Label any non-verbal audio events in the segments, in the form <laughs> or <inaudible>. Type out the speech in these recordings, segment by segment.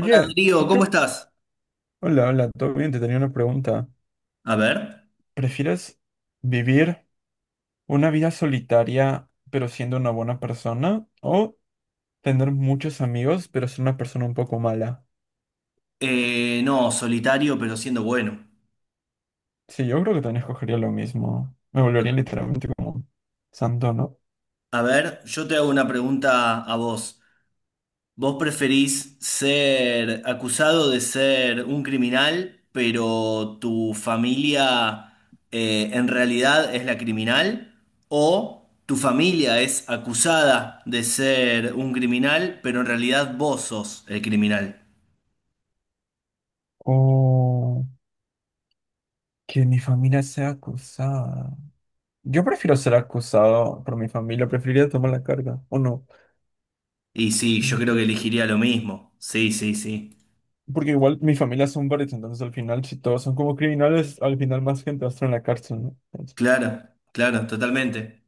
Hola Darío, ¿tú ¿cómo qué? estás? Hola, hola, todo bien, te tenía una pregunta. A ver, ¿Prefieres vivir una vida solitaria pero siendo una buena persona o tener muchos amigos pero ser una persona un poco mala? No, solitario pero siendo bueno. Sí, yo creo que también escogería lo mismo. Me volvería literalmente como un santo, ¿no? A ver, yo te hago una pregunta a vos. ¿Vos preferís ser acusado de ser un criminal, pero tu familia en realidad es la criminal? ¿O tu familia es acusada de ser un criminal, pero en realidad vos sos el criminal? O que mi familia sea acusada. Yo prefiero ser acusado por mi familia, preferiría tomar la carga, ¿o no? Y sí, yo creo que elegiría lo mismo. Sí, sí, sí. Porque igual mi familia son varios, entonces al final, si todos son como criminales, al final más gente va a estar en la cárcel, ¿no? Entonces, Claro, claro, totalmente.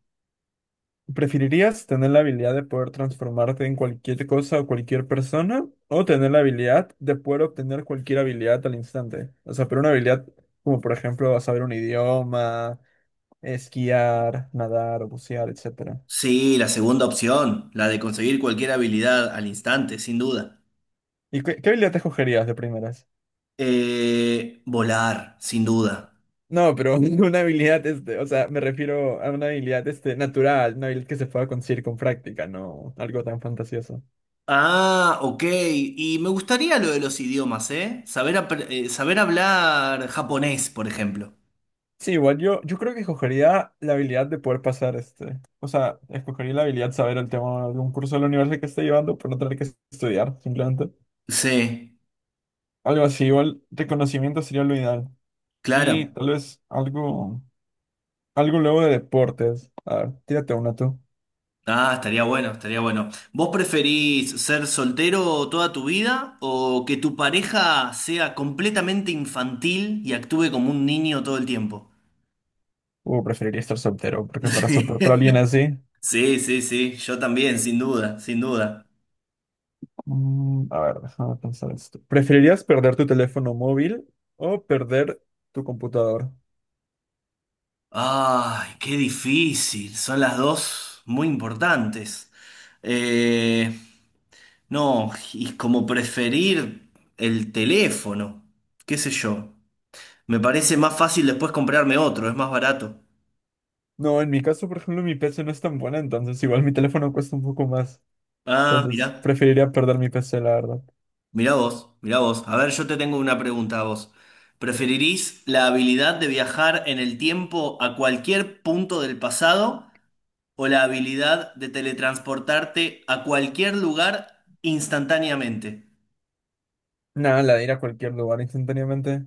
¿preferirías tener la habilidad de poder transformarte en cualquier cosa o cualquier persona? ¿O tener la habilidad de poder obtener cualquier habilidad al instante? O sea, pero una habilidad como, por ejemplo, saber un idioma, esquiar, nadar o bucear, etcétera. Sí, la segunda opción, la de conseguir cualquier habilidad al instante, sin duda. ¿Y qué habilidad te escogerías de primeras? Volar, sin duda. No, pero <laughs> una habilidad, este, o sea, me refiero a una habilidad, este, natural, una habilidad que se pueda conseguir con práctica, no algo tan fantasioso. Ah, ok. Y me gustaría lo de los idiomas, ¿eh? Saber hablar japonés, por ejemplo. Sí, igual yo creo que escogería la habilidad de poder pasar, este, o sea, escogería la habilidad de saber el tema de un curso de la universidad que esté llevando por no tener que estudiar, simplemente. Sí, Algo así, igual reconocimiento sería lo ideal. Y claro. tal vez algo, algo luego de deportes. A ver, tírate una tú. Ah, estaría bueno, estaría bueno. ¿Vos preferís ser soltero toda tu vida o que tu pareja sea completamente infantil y actúe como un niño todo el tiempo? O preferiría estar soltero, <laughs> porque para soportar a Sí. alguien así. Sí, sí, sí, yo también, sin duda, sin duda. Mm, a ver, déjame pensar esto. ¿Preferirías perder tu teléfono móvil o perder tu computadora? Ay, qué difícil, son las dos muy importantes. Eh, no, y como preferir el teléfono, qué sé yo. Me parece más fácil después comprarme otro, es más barato. No, en mi caso, por ejemplo, mi PC no es tan buena, entonces igual mi teléfono cuesta un poco más. Ah, Entonces, mirá, preferiría perder mi PC, la verdad. mirá vos, mirá vos. A ver, yo te tengo una pregunta a vos. ¿Preferirís la habilidad de viajar en el tiempo a cualquier punto del pasado? O la habilidad de teletransportarte a cualquier lugar instantáneamente. Nada, la de ir a cualquier lugar instantáneamente.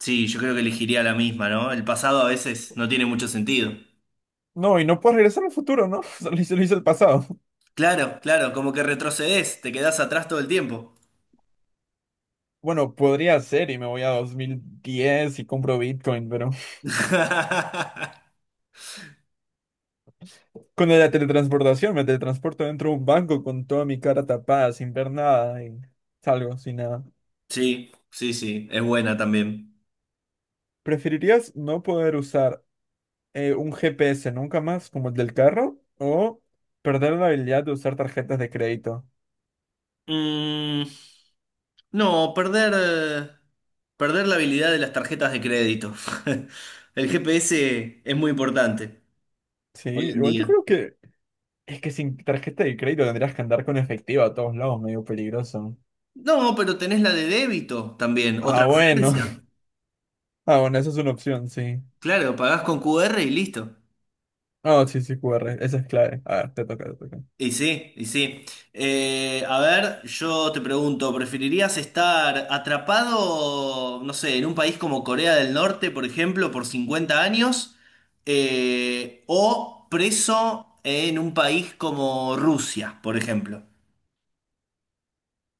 Sí, yo creo que elegiría la misma, ¿no? El pasado a veces no tiene mucho sentido. No, y no puedo regresar al futuro, ¿no? <laughs> Solo hice, lo hice el pasado. Claro, claro, como que retrocedes, te quedás atrás todo el tiempo. Bueno, podría ser y me voy a 2010 y compro Bitcoin, pero <laughs> <laughs> con la teletransportación me teletransporto dentro de un banco con toda mi cara tapada, sin ver nada y salgo sin nada. Sí, sí, sí, es buena también. ¿Preferirías no poder usar un GPS nunca más como el del carro o perder la habilidad de usar tarjetas de crédito? Mm, no, perder, perder la habilidad de las tarjetas de crédito. <laughs> El GPS es muy importante Sí, hoy en igual yo día. creo que es que sin tarjeta de crédito tendrías que andar con efectivo a todos lados, medio peligroso. No, pero tenés la de débito también, o Ah, bueno. <laughs> transferencia. Ah, bueno, esa es una opción, sí. Claro, pagás con QR y listo. Ah, sí, sí, QR, esa es clave. A ver, te toca, te toca. Y sí, y sí. A ver, yo te pregunto, ¿preferirías estar atrapado, no sé, en un país como Corea del Norte, por ejemplo, por 50 años, o preso en un país como Rusia, por ejemplo?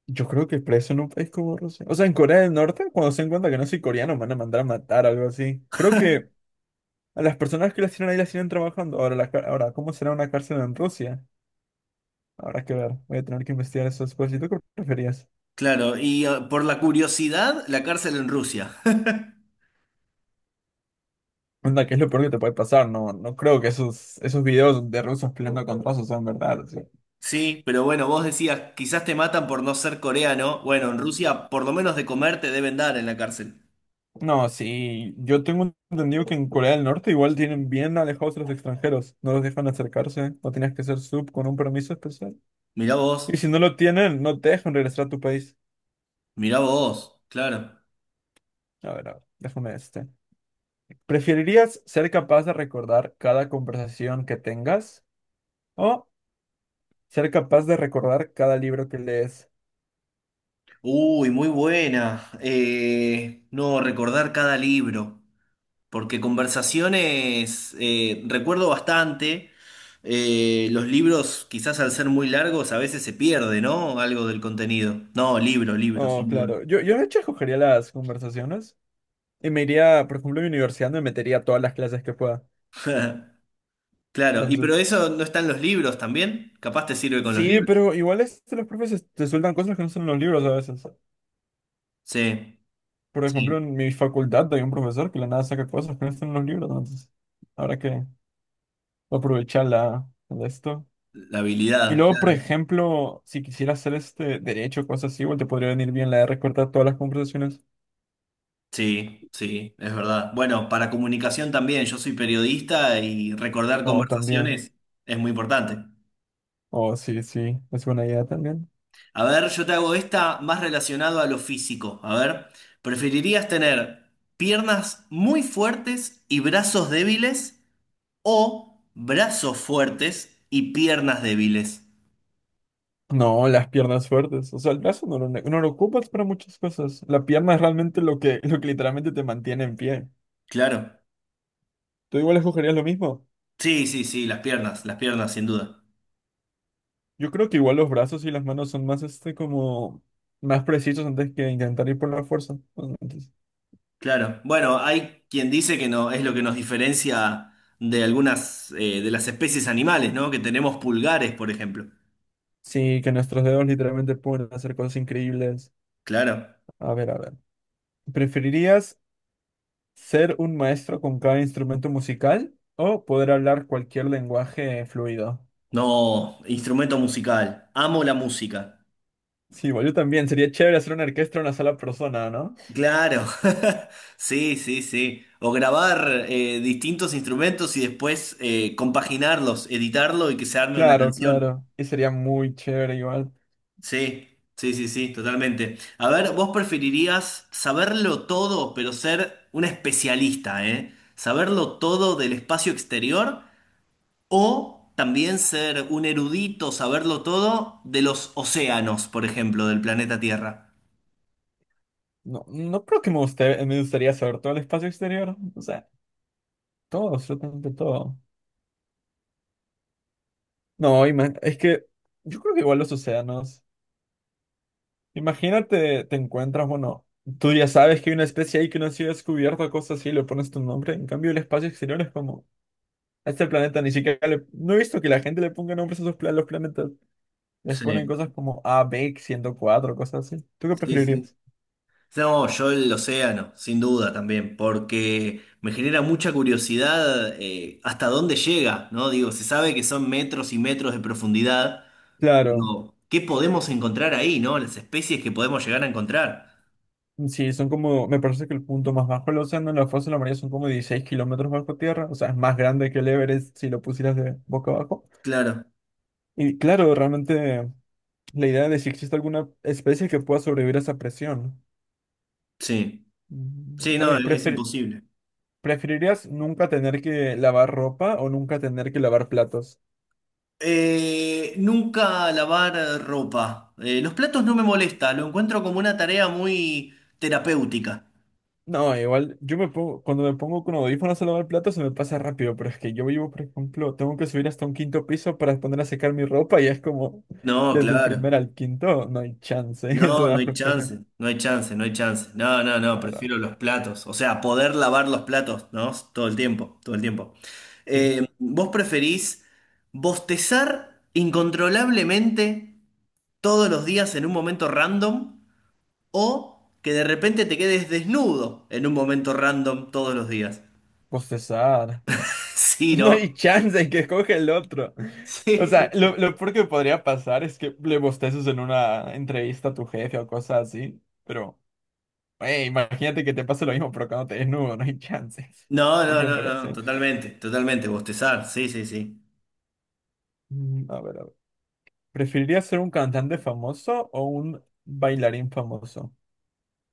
Yo creo que preso en un país como Rusia. O sea, en Corea del Norte, cuando se den cuenta que no soy coreano, me van a mandar a matar o algo así. Creo que a las personas que las tienen ahí las tienen trabajando. Ahora, ahora, ¿cómo será una cárcel en Rusia? Habrá que ver, voy a tener que investigar eso después. ¿Y tú qué preferías? Claro, y por la curiosidad, la cárcel en Rusia. <laughs> Onda, ¿qué es lo peor que te puede pasar? No, no creo que esos videos de rusos peleando con rusos sean verdad. O Sí, pero bueno, vos decías, quizás te matan por no ser coreano. Bueno, en Rusia por lo menos de comer te deben dar en la cárcel. no, sí, yo tengo entendido que en Corea del Norte igual tienen bien alejados a los extranjeros. No los dejan acercarse, no tienes que ser sub con un permiso especial. Mirá Y vos. si no lo tienen, no te dejan regresar a tu país. Mirá vos, claro. A ver, déjame este. ¿Preferirías ser capaz de recordar cada conversación que tengas o ser capaz de recordar cada libro que lees? Uy, muy buena. No, recordar cada libro, porque conversaciones recuerdo bastante. Los libros, quizás al ser muy largos, a veces se pierde, ¿no? Algo del contenido. No, libro, libro, Oh, sin duda. claro. Yo de hecho escogería las conversaciones y me iría, por ejemplo, a mi universidad me metería a todas las clases que pueda. <laughs> Claro, y pero Entonces, eso no está en los libros también. Capaz te sirve con los sí, libros. pero igual este, los profes te sueltan cosas que no están en los libros a veces. Sí, Por sí, ejemplo, en mi facultad hay un profesor que de la nada saca cosas que no están en los libros, entonces habrá que aprovechar la, de esto. la Y habilidad. luego, por ejemplo, si quisiera hacer este derecho, cosas así, igual te podría venir bien la de recortar todas las conversaciones. Sí, sí, es verdad. Bueno, para comunicación también, yo soy periodista y recordar O también. conversaciones es muy importante. O sí, sí, es buena idea también. A ver, yo te hago esta más relacionado a lo físico. A ver, ¿preferirías tener piernas muy fuertes y brazos débiles o brazos fuertes y piernas débiles? No, las piernas fuertes. O sea, el brazo no lo, no lo ocupas para muchas cosas. La pierna es realmente lo que, <laughs> lo que literalmente te mantiene en pie. Claro. ¿Tú igual escogerías lo mismo? Sí, sí, sí, las piernas, sin duda. Yo creo que igual los brazos y las manos son más, este, como, más precisos antes que intentar ir por la fuerza. Entonces, Claro, bueno, hay quien dice que no es lo que nos diferencia de algunas de las especies animales, ¿no? Que tenemos pulgares, por ejemplo. sí, que nuestros dedos literalmente pueden hacer cosas increíbles. Claro. A ver, a ver. ¿Preferirías ser un maestro con cada instrumento musical o poder hablar cualquier lenguaje fluido? No, instrumento musical. Amo la música. Sí, igual yo también. Sería chévere hacer una orquesta en una sola persona, ¿no? Claro. <laughs> Sí, sí, sí. O grabar distintos instrumentos y después compaginarlos, editarlo y que se arme una Claro, canción. claro. Y sería muy chévere igual. Sí, sí, sí, sí, totalmente. A ver, vos preferirías saberlo todo, pero ser un especialista, ¿eh? Saberlo todo del espacio exterior o también ser un erudito, saberlo todo de los océanos, por ejemplo, del planeta Tierra. No, no creo que me guste, me gustaría saber todo el espacio exterior. O sea, todo, absolutamente todo. No, es que yo creo que igual los océanos. Imagínate, te encuentras, bueno, tú ya sabes que hay una especie ahí que no ha sido descubierta, cosas así, le pones tu nombre. En cambio, el espacio exterior es como, a este planeta ni siquiera le... No he visto que la gente le ponga nombres a sus los planetas. Les ponen Sí, cosas como A, B, 104 cosas así. ¿Tú qué sí, sí. preferirías? No, yo el océano, sin duda también, porque me genera mucha curiosidad hasta dónde llega, ¿no? Digo, se sabe que son metros y metros de profundidad. Claro. Pero, ¿qué podemos encontrar ahí, no? Las especies que podemos llegar a encontrar. Sí, son como, me parece que el punto más bajo del océano en la fosa de la María son como 16 kilómetros bajo tierra, o sea, es más grande que el Everest si lo pusieras de boca abajo. Claro, Y claro, realmente la idea de si existe alguna especie que pueda sobrevivir a esa presión. sí. Mm, Sí, no, ok, es imposible. ¿preferirías nunca tener que lavar ropa o nunca tener que lavar platos? Nunca lavar ropa. Los platos no me molesta, lo encuentro como una tarea muy terapéutica. No, igual, yo me pongo, cuando me pongo con audífonos a lavar el plato se me pasa rápido, pero es que yo vivo, por ejemplo, tengo que subir hasta un quinto piso para poner a secar mi ropa y es como, No, desde el claro. primer al quinto, no hay chance, <laughs> es No, no una hay flojera. chance, no hay chance, no hay chance. No, no, no, La verdad, prefiero los platos. O sea, poder lavar los platos, ¿no? Todo el tiempo, todo el tiempo. sí. ¿Vos preferís bostezar incontrolablemente todos los días en un momento random o que de repente te quedes desnudo en un momento random todos los días? <laughs> Bostezar. <laughs> Sí, No ¿no? hay chance que escoge el otro. O sea, Sí. lo peor que podría pasar es que le bosteces en una entrevista a tu jefe o cosas así, pero, hey, imagínate que te pase lo mismo, pero cuando te desnudo, no hay <laughs> chances. No, Hay no, no, no, no, comparación. totalmente, totalmente, bostezar, sí, sí, sí. Mm, a ver, a ver. ¿Preferirías ser un cantante famoso o un bailarín famoso?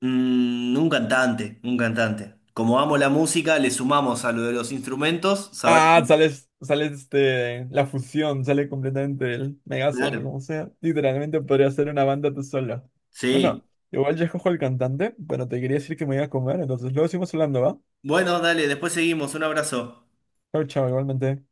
Mm, un cantante, un cantante. Como amo la música, le sumamos a lo de los instrumentos, saber. Ah, sales, sale este, la fusión, sale completamente el Megazord, Claro, como sea. Literalmente podría ser una banda tú solo. sí. Bueno, igual ya escojo el cantante, pero te quería decir que me iba a comer, entonces luego seguimos hablando, ¿va? Bueno, dale, después seguimos, un abrazo. Chao, chao, igualmente.